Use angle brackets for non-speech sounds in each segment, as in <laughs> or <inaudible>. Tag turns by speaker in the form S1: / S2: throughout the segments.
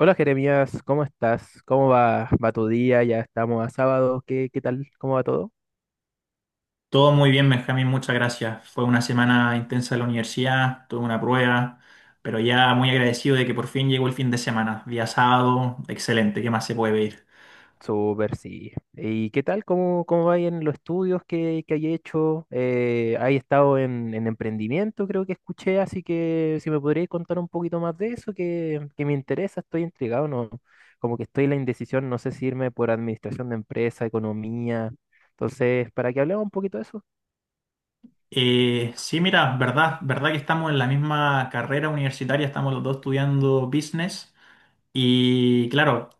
S1: Hola Jeremías, ¿cómo estás? ¿Cómo va tu día? Ya estamos a sábado, ¿qué tal? ¿Cómo va todo?
S2: Todo muy bien, Benjamín, muchas gracias. Fue una semana intensa en la universidad, tuve una prueba, pero ya muy agradecido de que por fin llegó el fin de semana. Día sábado, excelente, ¿qué más se puede pedir?
S1: Súper, sí. ¿Y qué tal? ¿Cómo va ahí en los estudios que hay hecho? ¿Hay estado en emprendimiento? Creo que escuché, así que si me podrías contar un poquito más de eso, que me interesa, estoy intrigado, ¿no? Como que estoy en la indecisión, no sé si irme por administración de empresa, economía. Entonces, para que hablemos un poquito de eso.
S2: Sí, mira, verdad que estamos en la misma carrera universitaria, estamos los dos estudiando business y claro,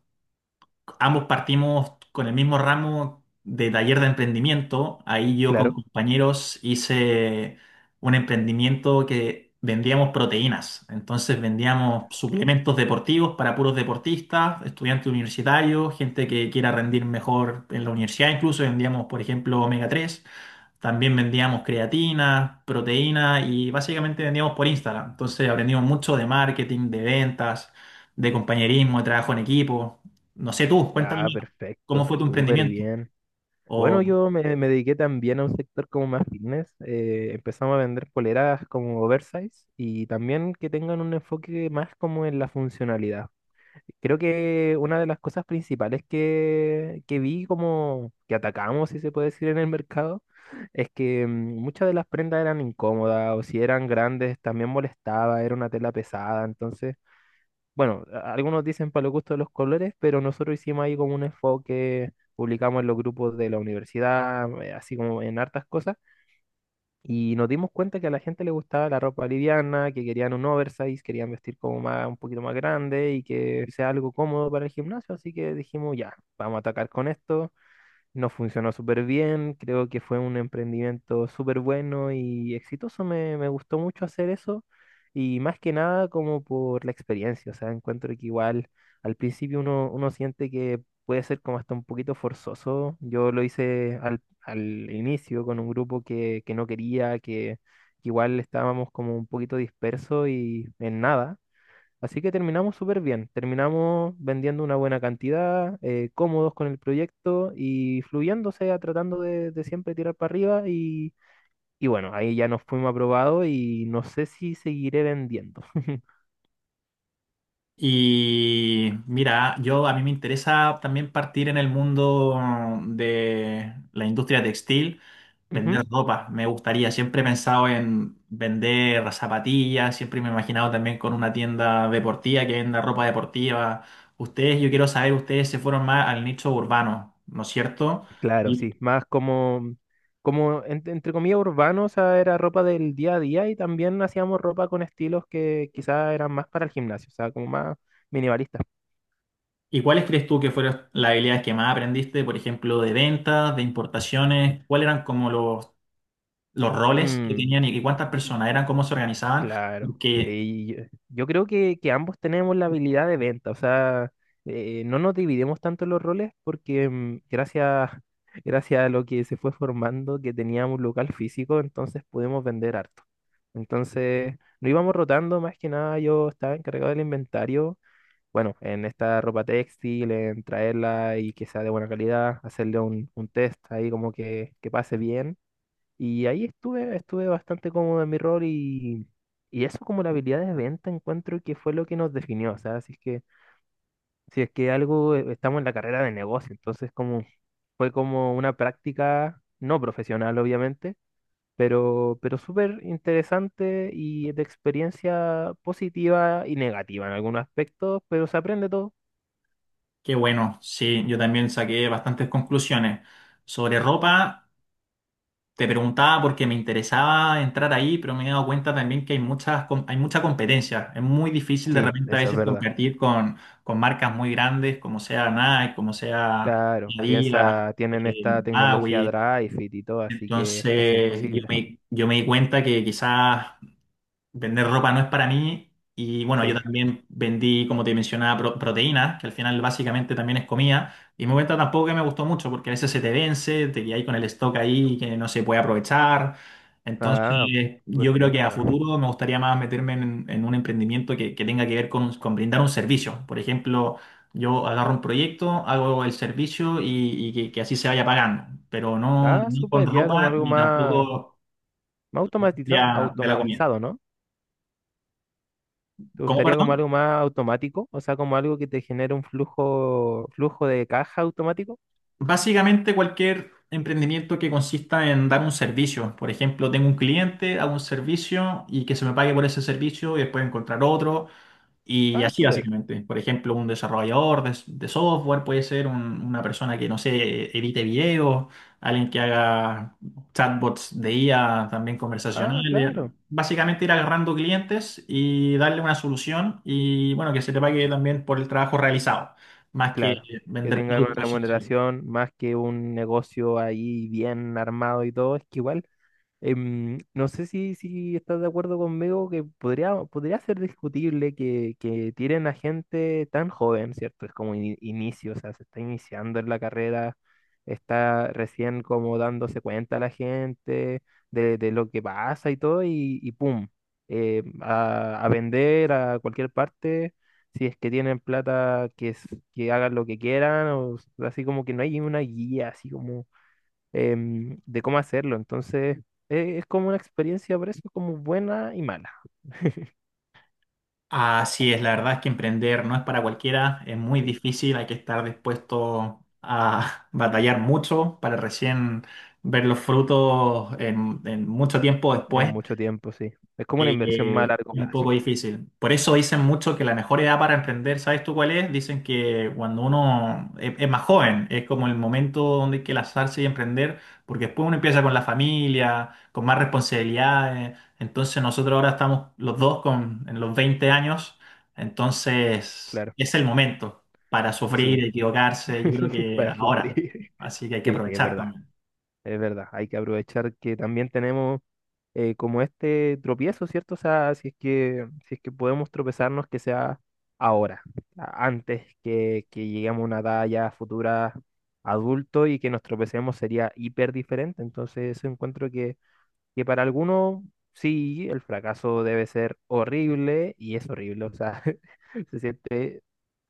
S2: ambos partimos con el mismo ramo de taller de emprendimiento. Ahí yo con
S1: Claro.
S2: compañeros hice un emprendimiento que vendíamos proteínas. Entonces vendíamos suplementos deportivos para puros deportistas, estudiantes universitarios, gente que quiera rendir mejor en la universidad. Incluso vendíamos, por ejemplo, omega 3. También vendíamos creatina, proteína y básicamente vendíamos por Instagram. Entonces aprendimos mucho de marketing, de ventas, de compañerismo, de trabajo en equipo. No sé tú, cuéntame
S1: Ah,
S2: más, ¿cómo
S1: perfecto,
S2: fue tu
S1: súper
S2: emprendimiento?
S1: bien. Bueno, yo me dediqué también a un sector como más fitness. Empezamos a vender poleras como oversize y también que tengan un enfoque más como en la funcionalidad. Creo que una de las cosas principales que vi como que atacamos, si se puede decir, en el mercado, es que muchas de las prendas eran incómodas o si eran grandes también molestaba, era una tela pesada. Entonces bueno, algunos dicen para los gustos de los colores, pero nosotros hicimos ahí como un enfoque, publicamos en los grupos de la universidad, así como en hartas cosas, y nos dimos cuenta que a la gente le gustaba la ropa liviana, que querían un oversize, querían vestir como más, un poquito más grande y que sea algo cómodo para el gimnasio, así que dijimos, ya, vamos a atacar con esto. Nos funcionó súper bien, creo que fue un emprendimiento súper bueno y exitoso, me gustó mucho hacer eso y más que nada como por la experiencia, o sea, encuentro que igual al principio uno siente que puede ser como hasta un poquito forzoso, yo lo hice al inicio con un grupo que no quería, que igual estábamos como un poquito dispersos y en nada. Así que terminamos súper bien, terminamos vendiendo una buena cantidad, cómodos con el proyecto y fluyendo, o sea, tratando de siempre tirar para arriba y bueno, ahí ya nos fuimos aprobados y no sé si seguiré vendiendo. <laughs>
S2: Y mira, yo a mí me interesa también partir en el mundo de la industria textil,
S1: Ujú.
S2: vender ropa. Me gustaría, siempre he pensado en vender zapatillas, siempre me he imaginado también con una tienda deportiva que venda ropa deportiva. Ustedes, yo quiero saber, ustedes se fueron más al nicho urbano, ¿no es cierto?
S1: Claro,
S2: ¿Y,
S1: sí, más como, como entre comillas urbano, o sea, era ropa del día a día y también hacíamos ropa con estilos que quizás eran más para el gimnasio, o sea, como más minimalistas.
S2: y cuáles crees tú que fueron las habilidades que más aprendiste, por ejemplo, de ventas, de importaciones? ¿Cuáles eran como los roles que
S1: Mm,
S2: tenían y cuántas
S1: y-
S2: personas eran, cómo se organizaban?
S1: Claro,
S2: que,
S1: sí, yo creo que ambos tenemos la habilidad de venta, o sea, no nos dividimos tanto los roles porque gracias, <laughs> gracias a lo que se fue formando, que teníamos un local físico, entonces pudimos vender harto. Entonces, no íbamos rotando, más que nada yo estaba encargado del inventario, bueno, en esta ropa textil, en traerla y que sea de buena calidad, hacerle un test ahí como que pase bien y ahí estuve bastante cómodo en mi rol y eso como la habilidad de venta encuentro que fue lo que nos definió. O sea, si es que, si es que algo estamos en la carrera de negocio, entonces como fue como una práctica no profesional, obviamente, pero súper interesante y de experiencia positiva y negativa en algunos aspectos, pero se aprende todo.
S2: que bueno, sí, yo también saqué bastantes conclusiones. Sobre ropa, te preguntaba porque me interesaba entrar ahí, pero me he dado cuenta también que hay mucha competencia. Es muy difícil de
S1: Sí,
S2: repente a
S1: eso es
S2: veces
S1: verdad.
S2: competir con, marcas muy grandes, como sea Nike, como sea
S1: Claro,
S2: Adidas,
S1: piensa, tienen esta tecnología
S2: Maui.
S1: Drive It y todo, así que es casi
S2: Entonces, yo
S1: imposible.
S2: me, yo me di cuenta que quizás vender ropa no es para mí. Y bueno, yo
S1: Sí.
S2: también vendí, como te mencionaba, proteínas, que al final básicamente también es comida. Y me cuenta tampoco que me gustó mucho, porque a veces se te vence, te quedas ahí con el stock ahí que no se puede aprovechar.
S1: Ah,
S2: Entonces,
S1: súper
S2: yo creo que a
S1: penca.
S2: futuro me gustaría más meterme en, un emprendimiento que tenga que ver con brindar un servicio. Por ejemplo, yo agarro un proyecto, hago el servicio y, y que así se vaya pagando, pero no
S1: Ah,
S2: ni con
S1: súper, ya como
S2: ropa
S1: algo
S2: ni
S1: más,
S2: tampoco
S1: más
S2: de la de la comida.
S1: automatizado, ¿no? ¿Te
S2: ¿Cómo,
S1: gustaría como
S2: perdón?
S1: algo más automático? O sea, como algo que te genere un flujo de caja automático.
S2: Básicamente cualquier emprendimiento que consista en dar un servicio. Por ejemplo, tengo un cliente, hago un servicio y que se me pague por ese servicio y después encontrar otro. Y
S1: Ah,
S2: así
S1: súper.
S2: básicamente. Por ejemplo, un desarrollador de software puede ser una persona que, no sé, edite videos, alguien que haga chatbots de IA, también
S1: Ah,
S2: conversacionales.
S1: claro,
S2: Básicamente ir agarrando clientes y darle una solución y bueno, que se te pague también por el trabajo realizado, más que
S1: claro. Que
S2: vender
S1: tengan una
S2: productos en sí.
S1: remuneración más que un negocio ahí bien armado y todo. Es que igual. No sé si, si estás de acuerdo conmigo que podría ser discutible que tiren a gente tan joven, ¿cierto? Es como inicio, o sea, se está iniciando en la carrera, está recién como dándose cuenta la gente de lo que pasa y todo, y ¡pum! A vender a cualquier parte, si es que tienen plata, que, que hagan lo que quieran, o así como que no hay una guía, así como de cómo hacerlo. Entonces, es como una experiencia, por eso, como buena y mala. <laughs>
S2: Así es, la verdad es que emprender no es para cualquiera, es muy
S1: Sí,
S2: difícil, hay que estar dispuesto a <laughs> batallar mucho para recién ver los frutos en, mucho tiempo
S1: en
S2: después
S1: mucho tiempo, sí. Es como una inversión más a
S2: eh,
S1: largo
S2: Un
S1: plazo,
S2: poco
S1: sí,
S2: difícil. Por eso dicen mucho que la mejor edad para emprender, ¿sabes tú cuál es? Dicen que cuando uno es más joven, es como el momento donde hay que lanzarse y emprender, porque después uno empieza con la familia, con más responsabilidades. Entonces nosotros ahora estamos los dos en los 20 años, entonces
S1: claro.
S2: es el momento para
S1: Sí,
S2: sufrir, equivocarse, yo creo
S1: <laughs>
S2: que
S1: para
S2: ahora.
S1: sufrir.
S2: Así que hay que
S1: Sí, es
S2: aprovechar
S1: verdad,
S2: también.
S1: es verdad. Hay que aprovechar que también tenemos como este tropiezo, ¿cierto? O sea, si es que, si es que podemos tropezarnos, que sea ahora, antes que lleguemos a una edad ya futura adulto y que nos tropecemos sería hiper diferente. Entonces, eso encuentro que para algunos, sí, el fracaso debe ser horrible y es horrible, o sea, <laughs> se siente,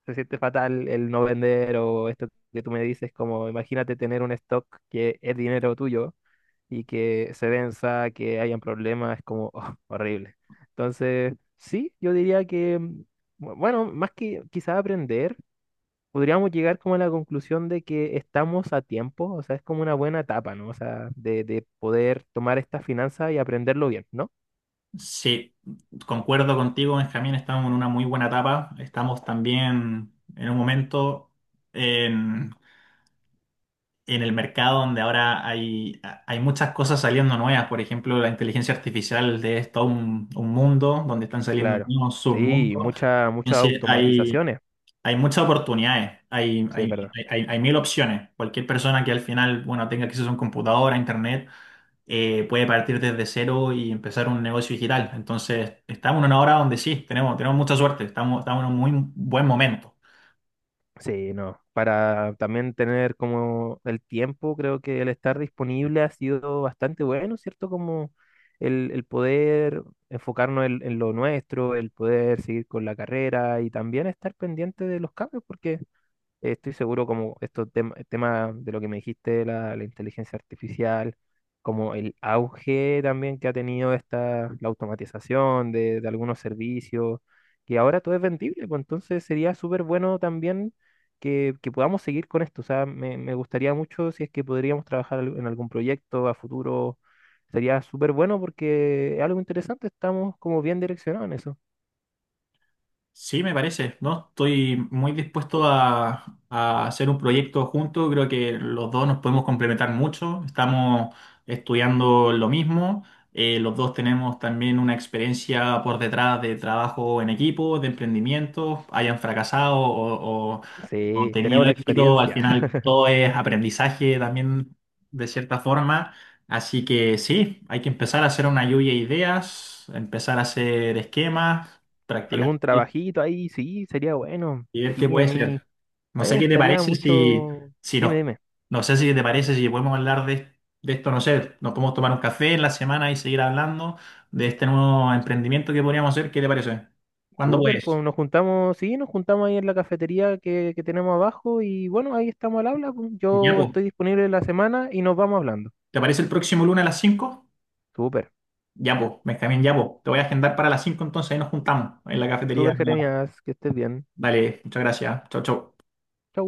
S1: se siente fatal el no vender o esto que tú me dices, como imagínate tener un stock que es dinero tuyo y que se venza, que hayan problemas, es como <laughs> oh, horrible. Entonces, sí, yo diría que, bueno, más que quizás aprender, podríamos llegar como a la conclusión de que estamos a tiempo, o sea, es como una buena etapa, ¿no? O sea, de poder tomar esta finanza y aprenderlo bien, ¿no?
S2: Sí, concuerdo contigo, Benjamín, estamos en una muy buena etapa. Estamos también en un momento en, en, el mercado donde ahora hay muchas cosas saliendo nuevas. Por ejemplo, la inteligencia artificial de esto, un, mundo donde están saliendo
S1: Claro.
S2: nuevos
S1: Sí,
S2: submundos.
S1: muchas muchas
S2: Entonces, hay,
S1: automatizaciones,
S2: hay muchas oportunidades,
S1: sí, es verdad.
S2: hay mil opciones. Cualquier persona que al final, bueno, tenga acceso a un computador, a internet puede partir desde cero y empezar un negocio digital. Entonces, estamos en una hora donde sí, tenemos, mucha suerte, estamos en un muy buen momento.
S1: Sí, no. Para también tener como el tiempo, creo que el estar disponible ha sido bastante bueno, ¿cierto? Como el poder enfocarnos en lo nuestro, el poder seguir con la carrera y también estar pendiente de los cambios, porque estoy seguro como estos el tema de lo que me dijiste, de la inteligencia artificial, como el auge también que ha tenido esta, la automatización de algunos servicios, que ahora todo es vendible, pues entonces sería súper bueno también que podamos seguir con esto. O sea, me gustaría mucho si es que podríamos trabajar en algún proyecto a futuro. Sería súper bueno porque es algo interesante, estamos como bien direccionados en eso.
S2: Sí, me parece, ¿no? Estoy muy dispuesto a hacer un proyecto juntos. Creo que los dos nos podemos complementar mucho. Estamos estudiando lo mismo. Los dos tenemos también una experiencia por detrás de trabajo en equipo, de emprendimiento, hayan fracasado o
S1: Sí,
S2: tenido
S1: tenemos la
S2: éxito. Al
S1: experiencia.
S2: final todo es aprendizaje también de cierta forma. Así que sí, hay que empezar a hacer una lluvia de ideas, empezar a hacer esquemas, practicar
S1: Algún trabajito ahí, sí, sería bueno.
S2: y ver qué
S1: Sí,
S2: puede ser.
S1: a
S2: No
S1: mí me
S2: sé qué te
S1: gustaría
S2: parece si,
S1: mucho.
S2: si
S1: Dime,
S2: no,
S1: dime.
S2: no sé si te parece si podemos hablar de, esto, no sé, nos podemos tomar un café en la semana y seguir hablando de este nuevo emprendimiento que podríamos hacer, ¿qué te parece? ¿Cuándo
S1: Súper, pues
S2: puedes?
S1: nos juntamos, sí, nos juntamos ahí en la cafetería que tenemos abajo y bueno, ahí estamos al habla. Pues.
S2: Ya,
S1: Yo
S2: po.
S1: estoy disponible la semana y nos vamos hablando.
S2: ¿Te parece el próximo lunes a las 5?
S1: Súper,
S2: Ya, po, Benjamín, ya, po. Te voy a agendar para las 5 entonces ahí nos juntamos en la cafetería.
S1: súper, Jeremías, que estés bien.
S2: Dale, muchas gracias. Chau, chau.